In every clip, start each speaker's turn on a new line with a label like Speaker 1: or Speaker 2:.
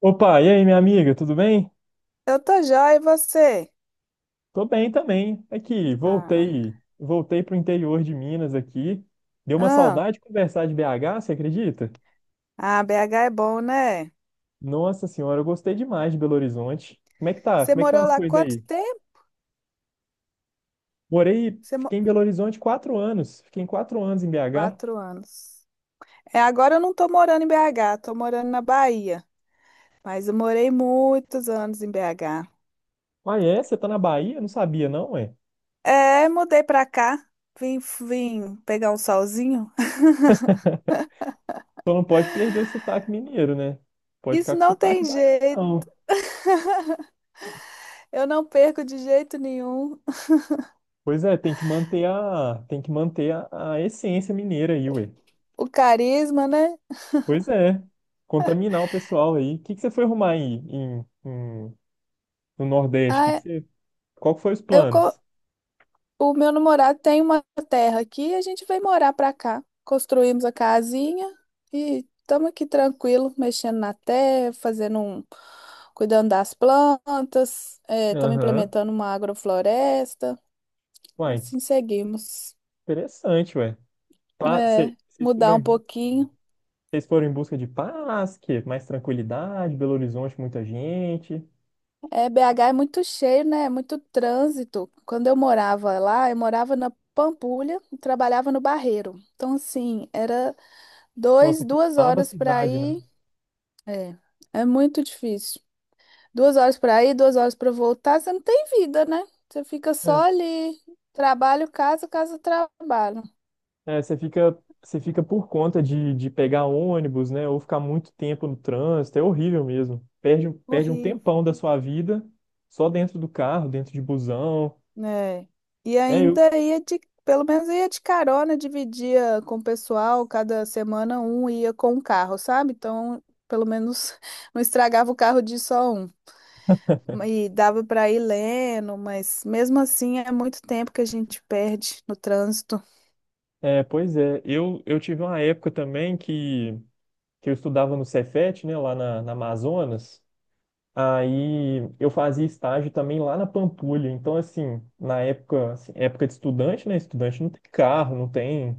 Speaker 1: Opa, e aí, minha amiga, tudo bem?
Speaker 2: Eu tô jóia, e você?
Speaker 1: Tô bem também. Aqui,
Speaker 2: Ah,
Speaker 1: voltei pro interior de Minas aqui. Deu uma
Speaker 2: ah,
Speaker 1: saudade de conversar de BH, você acredita?
Speaker 2: ah, BH é bom, né?
Speaker 1: Nossa senhora, eu gostei demais de Belo Horizonte. Como é que tá?
Speaker 2: Você
Speaker 1: Como é que estão
Speaker 2: morou
Speaker 1: as
Speaker 2: lá
Speaker 1: coisas
Speaker 2: quanto
Speaker 1: aí?
Speaker 2: tempo?
Speaker 1: Morei,
Speaker 2: Você mo-
Speaker 1: fiquei em Belo Horizonte 4 anos. Fiquei em 4 anos em BH.
Speaker 2: 4 anos. É, agora eu não tô morando em BH, tô morando na Bahia. Mas eu morei muitos anos em BH.
Speaker 1: Ah, é? Você tá na Bahia? Eu não sabia, não, ué.
Speaker 2: É, mudei pra cá, vim pegar um solzinho.
Speaker 1: Só não pode perder o sotaque mineiro, né? Pode
Speaker 2: Isso
Speaker 1: ficar com
Speaker 2: não tem
Speaker 1: sotaque baiano,
Speaker 2: jeito,
Speaker 1: não.
Speaker 2: eu não perco de jeito nenhum.
Speaker 1: Pois é, tem que manter a a essência mineira aí, ué.
Speaker 2: O carisma, né?
Speaker 1: Pois é, contaminar o pessoal aí. O que que você foi arrumar aí em- no Nordeste?
Speaker 2: Ah,
Speaker 1: Qual que foi os
Speaker 2: eu, co-
Speaker 1: planos?
Speaker 2: O meu namorado tem uma terra aqui, a gente veio morar pra cá. Construímos a casinha e estamos aqui tranquilo, mexendo na terra, cuidando das plantas, estamos
Speaker 1: Aham.
Speaker 2: implementando uma agrofloresta,
Speaker 1: Uai,
Speaker 2: assim seguimos.
Speaker 1: interessante, ué.
Speaker 2: É,
Speaker 1: Vocês
Speaker 2: mudar
Speaker 1: foram em
Speaker 2: um
Speaker 1: busca,
Speaker 2: pouquinho.
Speaker 1: vocês foram em busca de paz, que mais tranquilidade, Belo Horizonte, muita gente.
Speaker 2: É, BH é muito cheio, né? É muito trânsito. Quando eu morava lá, eu morava na Pampulha e trabalhava no Barreiro. Então, assim, era
Speaker 1: Nossa, que
Speaker 2: duas
Speaker 1: nova
Speaker 2: horas para
Speaker 1: cidade, né?
Speaker 2: ir. É, é muito difícil. 2 horas pra ir, 2 horas pra voltar, você não tem vida, né? Você fica só
Speaker 1: É.
Speaker 2: ali, trabalho, casa, casa, trabalho.
Speaker 1: É, você fica por conta de pegar ônibus, né? Ou ficar muito tempo no trânsito, é horrível mesmo. Perde um
Speaker 2: Horrível,
Speaker 1: tempão da sua vida só dentro do carro, dentro de busão.
Speaker 2: né? E
Speaker 1: É, eu,
Speaker 2: ainda pelo menos ia de carona, dividia com o pessoal, cada semana um ia com um carro, sabe? Então, pelo menos não estragava o carro de só um. E dava pra ir lendo, mas mesmo assim é muito tempo que a gente perde no trânsito.
Speaker 1: pois é, eu tive uma época também que eu estudava no Cefet, né? Lá na Amazonas. Aí eu fazia estágio também lá na Pampulha. Então, assim, na época, assim, época de estudante, né? Estudante não tem carro, não tem,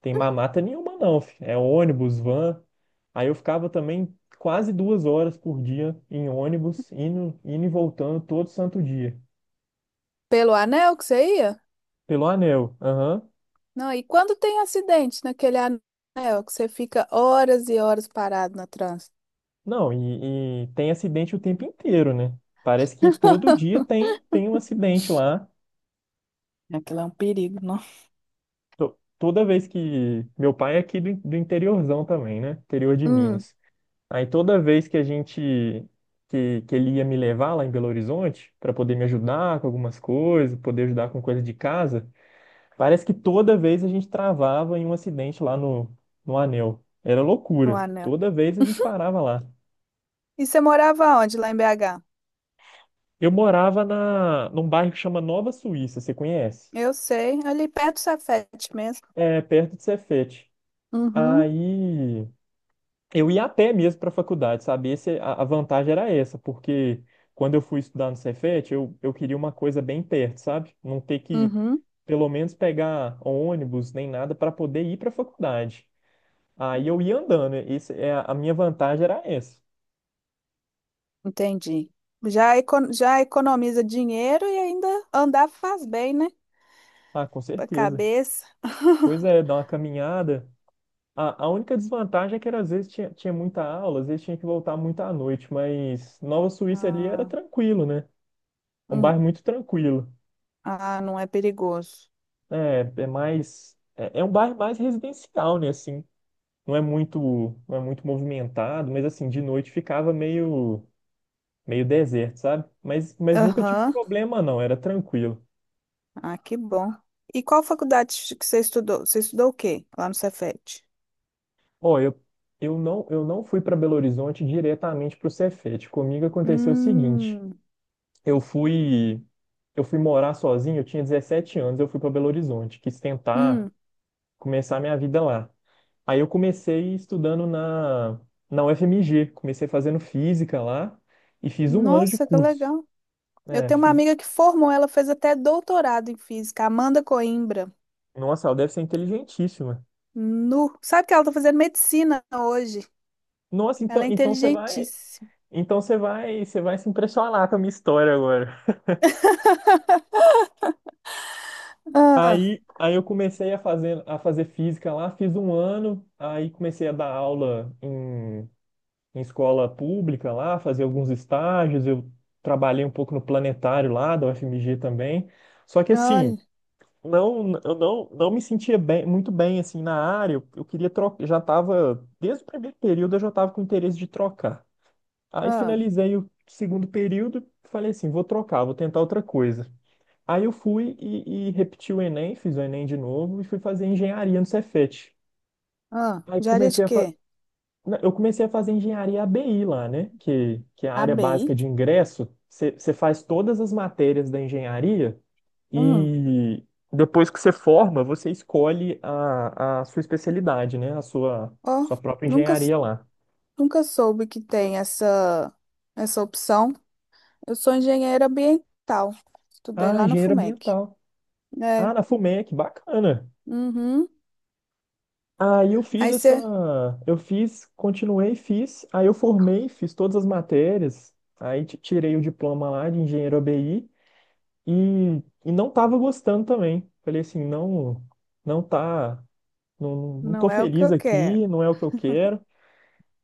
Speaker 1: tem mamata nenhuma, não. fi. É ônibus, van. Aí eu ficava também quase 2 horas por dia em ônibus, indo e voltando todo santo dia.
Speaker 2: Pelo anel que você ia?
Speaker 1: Pelo anel. Aham.
Speaker 2: Não, e quando tem acidente naquele anel, que você fica horas e horas parado no trânsito?
Speaker 1: Não, e tem acidente o tempo inteiro, né? Parece que todo dia tem um acidente lá.
Speaker 2: Aquilo é um perigo, não?
Speaker 1: Toda vez que. Meu pai é aqui do interiorzão também, né? Interior de
Speaker 2: Hum,
Speaker 1: Minas. Aí toda vez que a gente. Que ele ia me levar lá em Belo Horizonte para poder me ajudar com algumas coisas, poder ajudar com coisa de casa, parece que toda vez a gente travava em um acidente lá no Anel. Era
Speaker 2: o
Speaker 1: loucura.
Speaker 2: anel.
Speaker 1: Toda vez a gente parava lá.
Speaker 2: E você morava onde, lá em BH?
Speaker 1: Eu morava na, num bairro que chama Nova Suíça, você conhece?
Speaker 2: Eu sei, ali perto do Safety mesmo.
Speaker 1: É perto de Cefete.
Speaker 2: Uhum,
Speaker 1: Aí. Eu ia a pé mesmo para a faculdade, sabe? A vantagem era essa, porque quando eu fui estudar no Cefet, eu queria uma coisa bem perto, sabe? Não ter que,
Speaker 2: uhum,
Speaker 1: pelo menos, pegar ônibus nem nada para poder ir para a faculdade. Aí eu ia andando, esse, é, a minha vantagem era essa.
Speaker 2: entendi. Já economiza dinheiro e ainda andar faz bem, né?
Speaker 1: Ah, com
Speaker 2: Pra
Speaker 1: certeza.
Speaker 2: cabeça.
Speaker 1: Pois é, dar uma caminhada. A única desvantagem é que era, às vezes tinha muita aula, às vezes tinha que voltar muito à noite, mas Nova Suíça ali era
Speaker 2: Ah,
Speaker 1: tranquilo, né? É um
Speaker 2: hum,
Speaker 1: bairro muito tranquilo.
Speaker 2: ah, não é perigoso.
Speaker 1: É mais. É um bairro mais residencial, né? Assim, não é muito, não é muito movimentado, mas assim, de noite ficava meio deserto, sabe? Mas nunca tive
Speaker 2: Aham,
Speaker 1: problema, não, era tranquilo.
Speaker 2: ah, que bom. E qual faculdade que você estudou? Você estudou o quê lá no Cefet?
Speaker 1: Ó, eu não fui para Belo Horizonte diretamente pro Cefete. Comigo aconteceu o seguinte:
Speaker 2: Hum,
Speaker 1: eu fui, eu fui morar sozinho, eu tinha 17 anos, eu fui para Belo Horizonte, quis tentar
Speaker 2: hum.
Speaker 1: começar minha vida lá. Aí eu comecei estudando na UFMG, comecei fazendo física lá e fiz um ano de
Speaker 2: Nossa, que
Speaker 1: curso.
Speaker 2: legal. Eu
Speaker 1: É,
Speaker 2: tenho uma
Speaker 1: fiz...
Speaker 2: amiga que formou, ela fez até doutorado em física, Amanda Coimbra.
Speaker 1: Nossa, ela deve ser inteligentíssima.
Speaker 2: Nu. Sabe que ela tá fazendo medicina hoje?
Speaker 1: Nossa,
Speaker 2: Ela
Speaker 1: então,
Speaker 2: é
Speaker 1: então você vai,
Speaker 2: inteligentíssima.
Speaker 1: então você vai, você vai se impressionar com a minha história agora.
Speaker 2: Ah,
Speaker 1: Aí eu comecei a fazer, física lá, fiz um ano, aí comecei a dar aula em escola pública lá, fazer alguns estágios, eu trabalhei um pouco no planetário lá da UFMG também. Só que assim,
Speaker 2: olha.
Speaker 1: não, eu não, não me sentia bem, muito bem assim na área. Eu queria trocar, já estava, desde o primeiro período eu já estava com interesse de trocar. Aí
Speaker 2: Ah,
Speaker 1: finalizei o segundo período, falei assim, vou trocar, vou tentar outra coisa. Aí eu fui e repeti o Enem, fiz o Enem de novo e fui fazer engenharia no Cefet.
Speaker 2: ah.
Speaker 1: Aí
Speaker 2: Diária de
Speaker 1: comecei a fa...
Speaker 2: quê?
Speaker 1: na- eu comecei a fazer engenharia ABI lá, né? Que é a área básica
Speaker 2: ABI?
Speaker 1: de ingresso. Você faz todas as matérias da engenharia
Speaker 2: Hum.
Speaker 1: e depois que você forma, você escolhe a sua especialidade, né? A sua,
Speaker 2: Ó,
Speaker 1: sua própria
Speaker 2: nunca,
Speaker 1: engenharia lá.
Speaker 2: nunca soube que tem essa opção. Eu sou engenheira ambiental. Estudei
Speaker 1: Ah,
Speaker 2: lá no
Speaker 1: engenheiro
Speaker 2: FUMEC.
Speaker 1: ambiental.
Speaker 2: É.
Speaker 1: Ah, na FUMEC, bacana.
Speaker 2: Uhum.
Speaker 1: Aí eu fiz
Speaker 2: Aí
Speaker 1: essa.
Speaker 2: você.
Speaker 1: Eu fiz, continuei, fiz. Aí eu formei, fiz todas as matérias. Aí tirei o diploma lá de engenheiro ABI e, e não tava gostando também. Falei assim, não, não tá. Não, não tô
Speaker 2: Não é o que
Speaker 1: feliz
Speaker 2: eu quero.
Speaker 1: aqui, não é o que eu quero.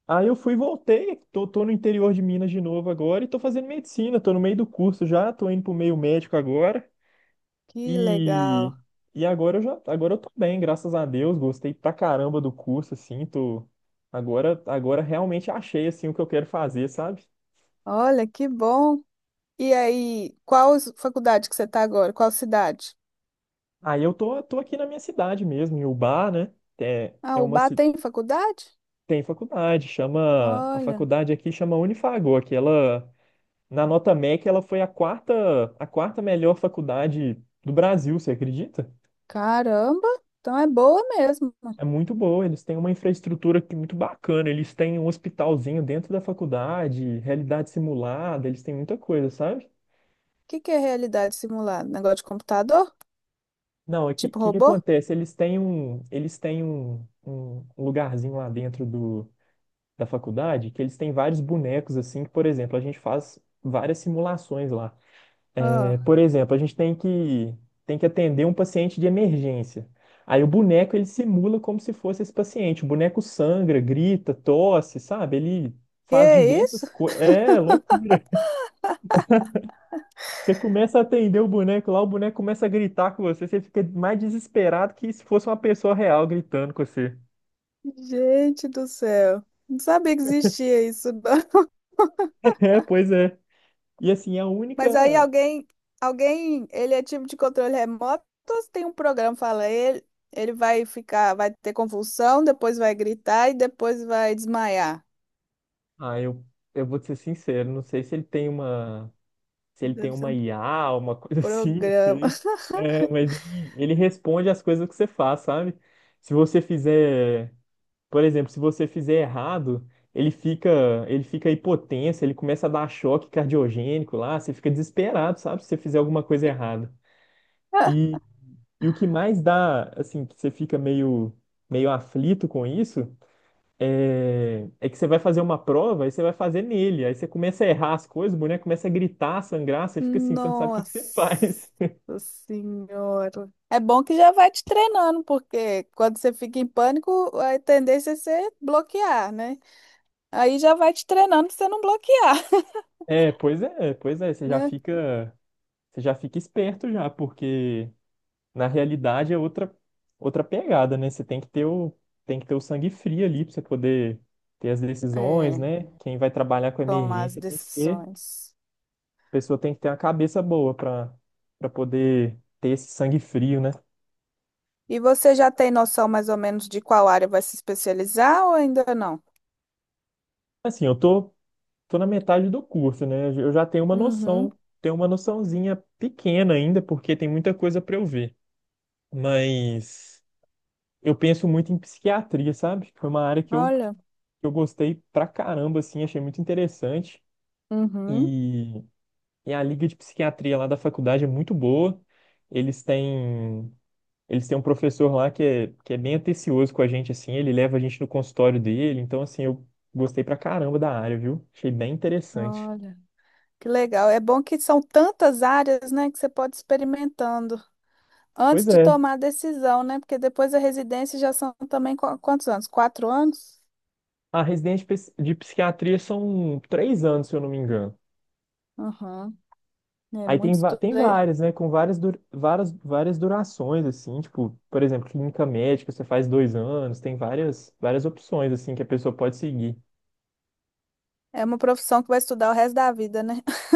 Speaker 1: Aí eu fui e voltei, tô no interior de Minas de novo agora e tô fazendo medicina, tô no meio do curso já, tô indo pro meio médico agora
Speaker 2: Que
Speaker 1: e,
Speaker 2: legal.
Speaker 1: e agora eu tô bem, graças a Deus, gostei pra caramba do curso, assim, agora realmente achei, assim, o que eu quero fazer, sabe?
Speaker 2: Olha, que bom. E aí, faculdade que você está agora? Qual cidade?
Speaker 1: Aí eu tô aqui na minha cidade mesmo, em Ubá, né? É,
Speaker 2: Ah,
Speaker 1: é
Speaker 2: o
Speaker 1: uma,
Speaker 2: Ubá
Speaker 1: ci-
Speaker 2: tem faculdade?
Speaker 1: Tem faculdade, a
Speaker 2: Olha,
Speaker 1: faculdade aqui chama Unifagoa. Que ela Na nota MEC, ela foi a quarta melhor faculdade do Brasil, você acredita?
Speaker 2: caramba. Então é boa mesmo. O
Speaker 1: É muito boa, eles têm uma infraestrutura aqui muito bacana, eles têm um hospitalzinho dentro da faculdade, realidade simulada, eles têm muita coisa, sabe?
Speaker 2: que que é realidade simulada? Negócio de computador?
Speaker 1: Não,
Speaker 2: Tipo
Speaker 1: que
Speaker 2: robô?
Speaker 1: acontece? Eles têm um lugarzinho lá dentro da faculdade que eles têm vários bonecos assim, que, por exemplo, a gente faz várias simulações lá. É,
Speaker 2: Ah,
Speaker 1: por exemplo, a gente tem que atender um paciente de emergência. Aí o boneco ele simula como se fosse esse paciente. O boneco sangra, grita, tosse, sabe? Ele faz
Speaker 2: que
Speaker 1: diversas
Speaker 2: isso?
Speaker 1: coisas. É loucura. Você começa a atender o boneco lá, o boneco começa a gritar com você, você fica mais desesperado que se fosse uma pessoa real gritando com você.
Speaker 2: Gente do céu. Não sabia que existia isso, não.
Speaker 1: É, pois é. E assim, a
Speaker 2: Mas aí
Speaker 1: única.
Speaker 2: alguém, ele é tipo de controle remoto, ou se tem um programa, fala ele vai ficar, vai ter convulsão, depois vai gritar e depois vai desmaiar.
Speaker 1: Ah, eu vou te ser sincero, não sei se ele tem uma. se ele tem
Speaker 2: Deve ser
Speaker 1: uma
Speaker 2: um
Speaker 1: IA, uma coisa assim, não
Speaker 2: programa.
Speaker 1: sei. É, mas ele responde as coisas que você faz, sabe? Se você fizer, por exemplo, se você fizer errado, ele fica, ele fica hipotenso, ele começa a dar choque cardiogênico lá, você fica desesperado, sabe? Se você fizer alguma coisa errada. E, e o que mais dá, assim, que você fica meio aflito com isso, é que você vai fazer uma prova e você vai fazer nele. Aí você começa a errar as coisas, o boneco começa a gritar, a sangrar, você fica assim, você não sabe o que que você
Speaker 2: Nossa
Speaker 1: faz.
Speaker 2: Senhora. É bom que já vai te treinando, porque quando você fica em pânico, a tendência é você bloquear, né? Aí já vai te treinando pra você não bloquear,
Speaker 1: É, pois é, pois é, você já
Speaker 2: né?
Speaker 1: fica, você já fica esperto já, porque na realidade é outra pegada, né? Você tem que ter o sangue frio ali para você poder ter as decisões,
Speaker 2: É,
Speaker 1: né? Quem vai trabalhar com
Speaker 2: tomar as
Speaker 1: emergência a
Speaker 2: decisões.
Speaker 1: pessoa tem que ter uma cabeça boa para poder ter esse sangue frio, né?
Speaker 2: E você já tem noção mais ou menos de qual área vai se especializar ou ainda não?
Speaker 1: Assim, eu tô na metade do curso, né? Eu já tenho uma
Speaker 2: Uhum,
Speaker 1: noção, tenho uma noçãozinha pequena ainda, porque tem muita coisa para eu ver, mas eu penso muito em psiquiatria, sabe? Foi uma área que eu, que
Speaker 2: olha,
Speaker 1: eu gostei pra caramba, assim, achei muito interessante.
Speaker 2: uhum,
Speaker 1: E, e a liga de psiquiatria lá da faculdade é muito boa. Eles têm, eles têm um professor lá que é bem atencioso com a gente, assim, ele leva a gente no consultório dele. Então, assim, eu gostei pra caramba da área, viu? Achei bem interessante.
Speaker 2: olha. Que legal. É bom que são tantas áreas, né, que você pode ir experimentando antes
Speaker 1: Pois
Speaker 2: de
Speaker 1: é.
Speaker 2: tomar a decisão, né? Porque depois a residência já são também quantos anos? 4 anos?
Speaker 1: A residência de psiquiatria são 3 anos, se eu não me engano.
Speaker 2: Uhum. É
Speaker 1: Aí
Speaker 2: muito
Speaker 1: tem, va-
Speaker 2: estudo.
Speaker 1: tem
Speaker 2: É
Speaker 1: várias, né? Com várias durações, assim, tipo, por exemplo, clínica médica, você faz 2 anos, tem várias opções, assim, que a pessoa pode seguir.
Speaker 2: é uma profissão que vai estudar o resto da vida, né?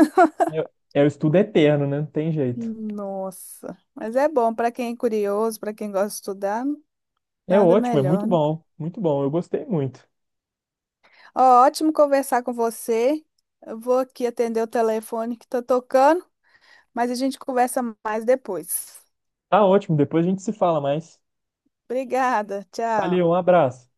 Speaker 1: É o estudo eterno, né? Não tem jeito.
Speaker 2: Nossa. Mas é bom para quem é curioso, para quem gosta de estudar,
Speaker 1: É
Speaker 2: nada
Speaker 1: ótimo, é
Speaker 2: melhor, né?
Speaker 1: muito bom, eu gostei muito.
Speaker 2: Ó, ótimo conversar com você. Eu vou aqui atender o telefone que tá tocando, mas a gente conversa mais depois.
Speaker 1: Tá ótimo, depois a gente se fala mais.
Speaker 2: Obrigada, tchau.
Speaker 1: Valeu, um abraço.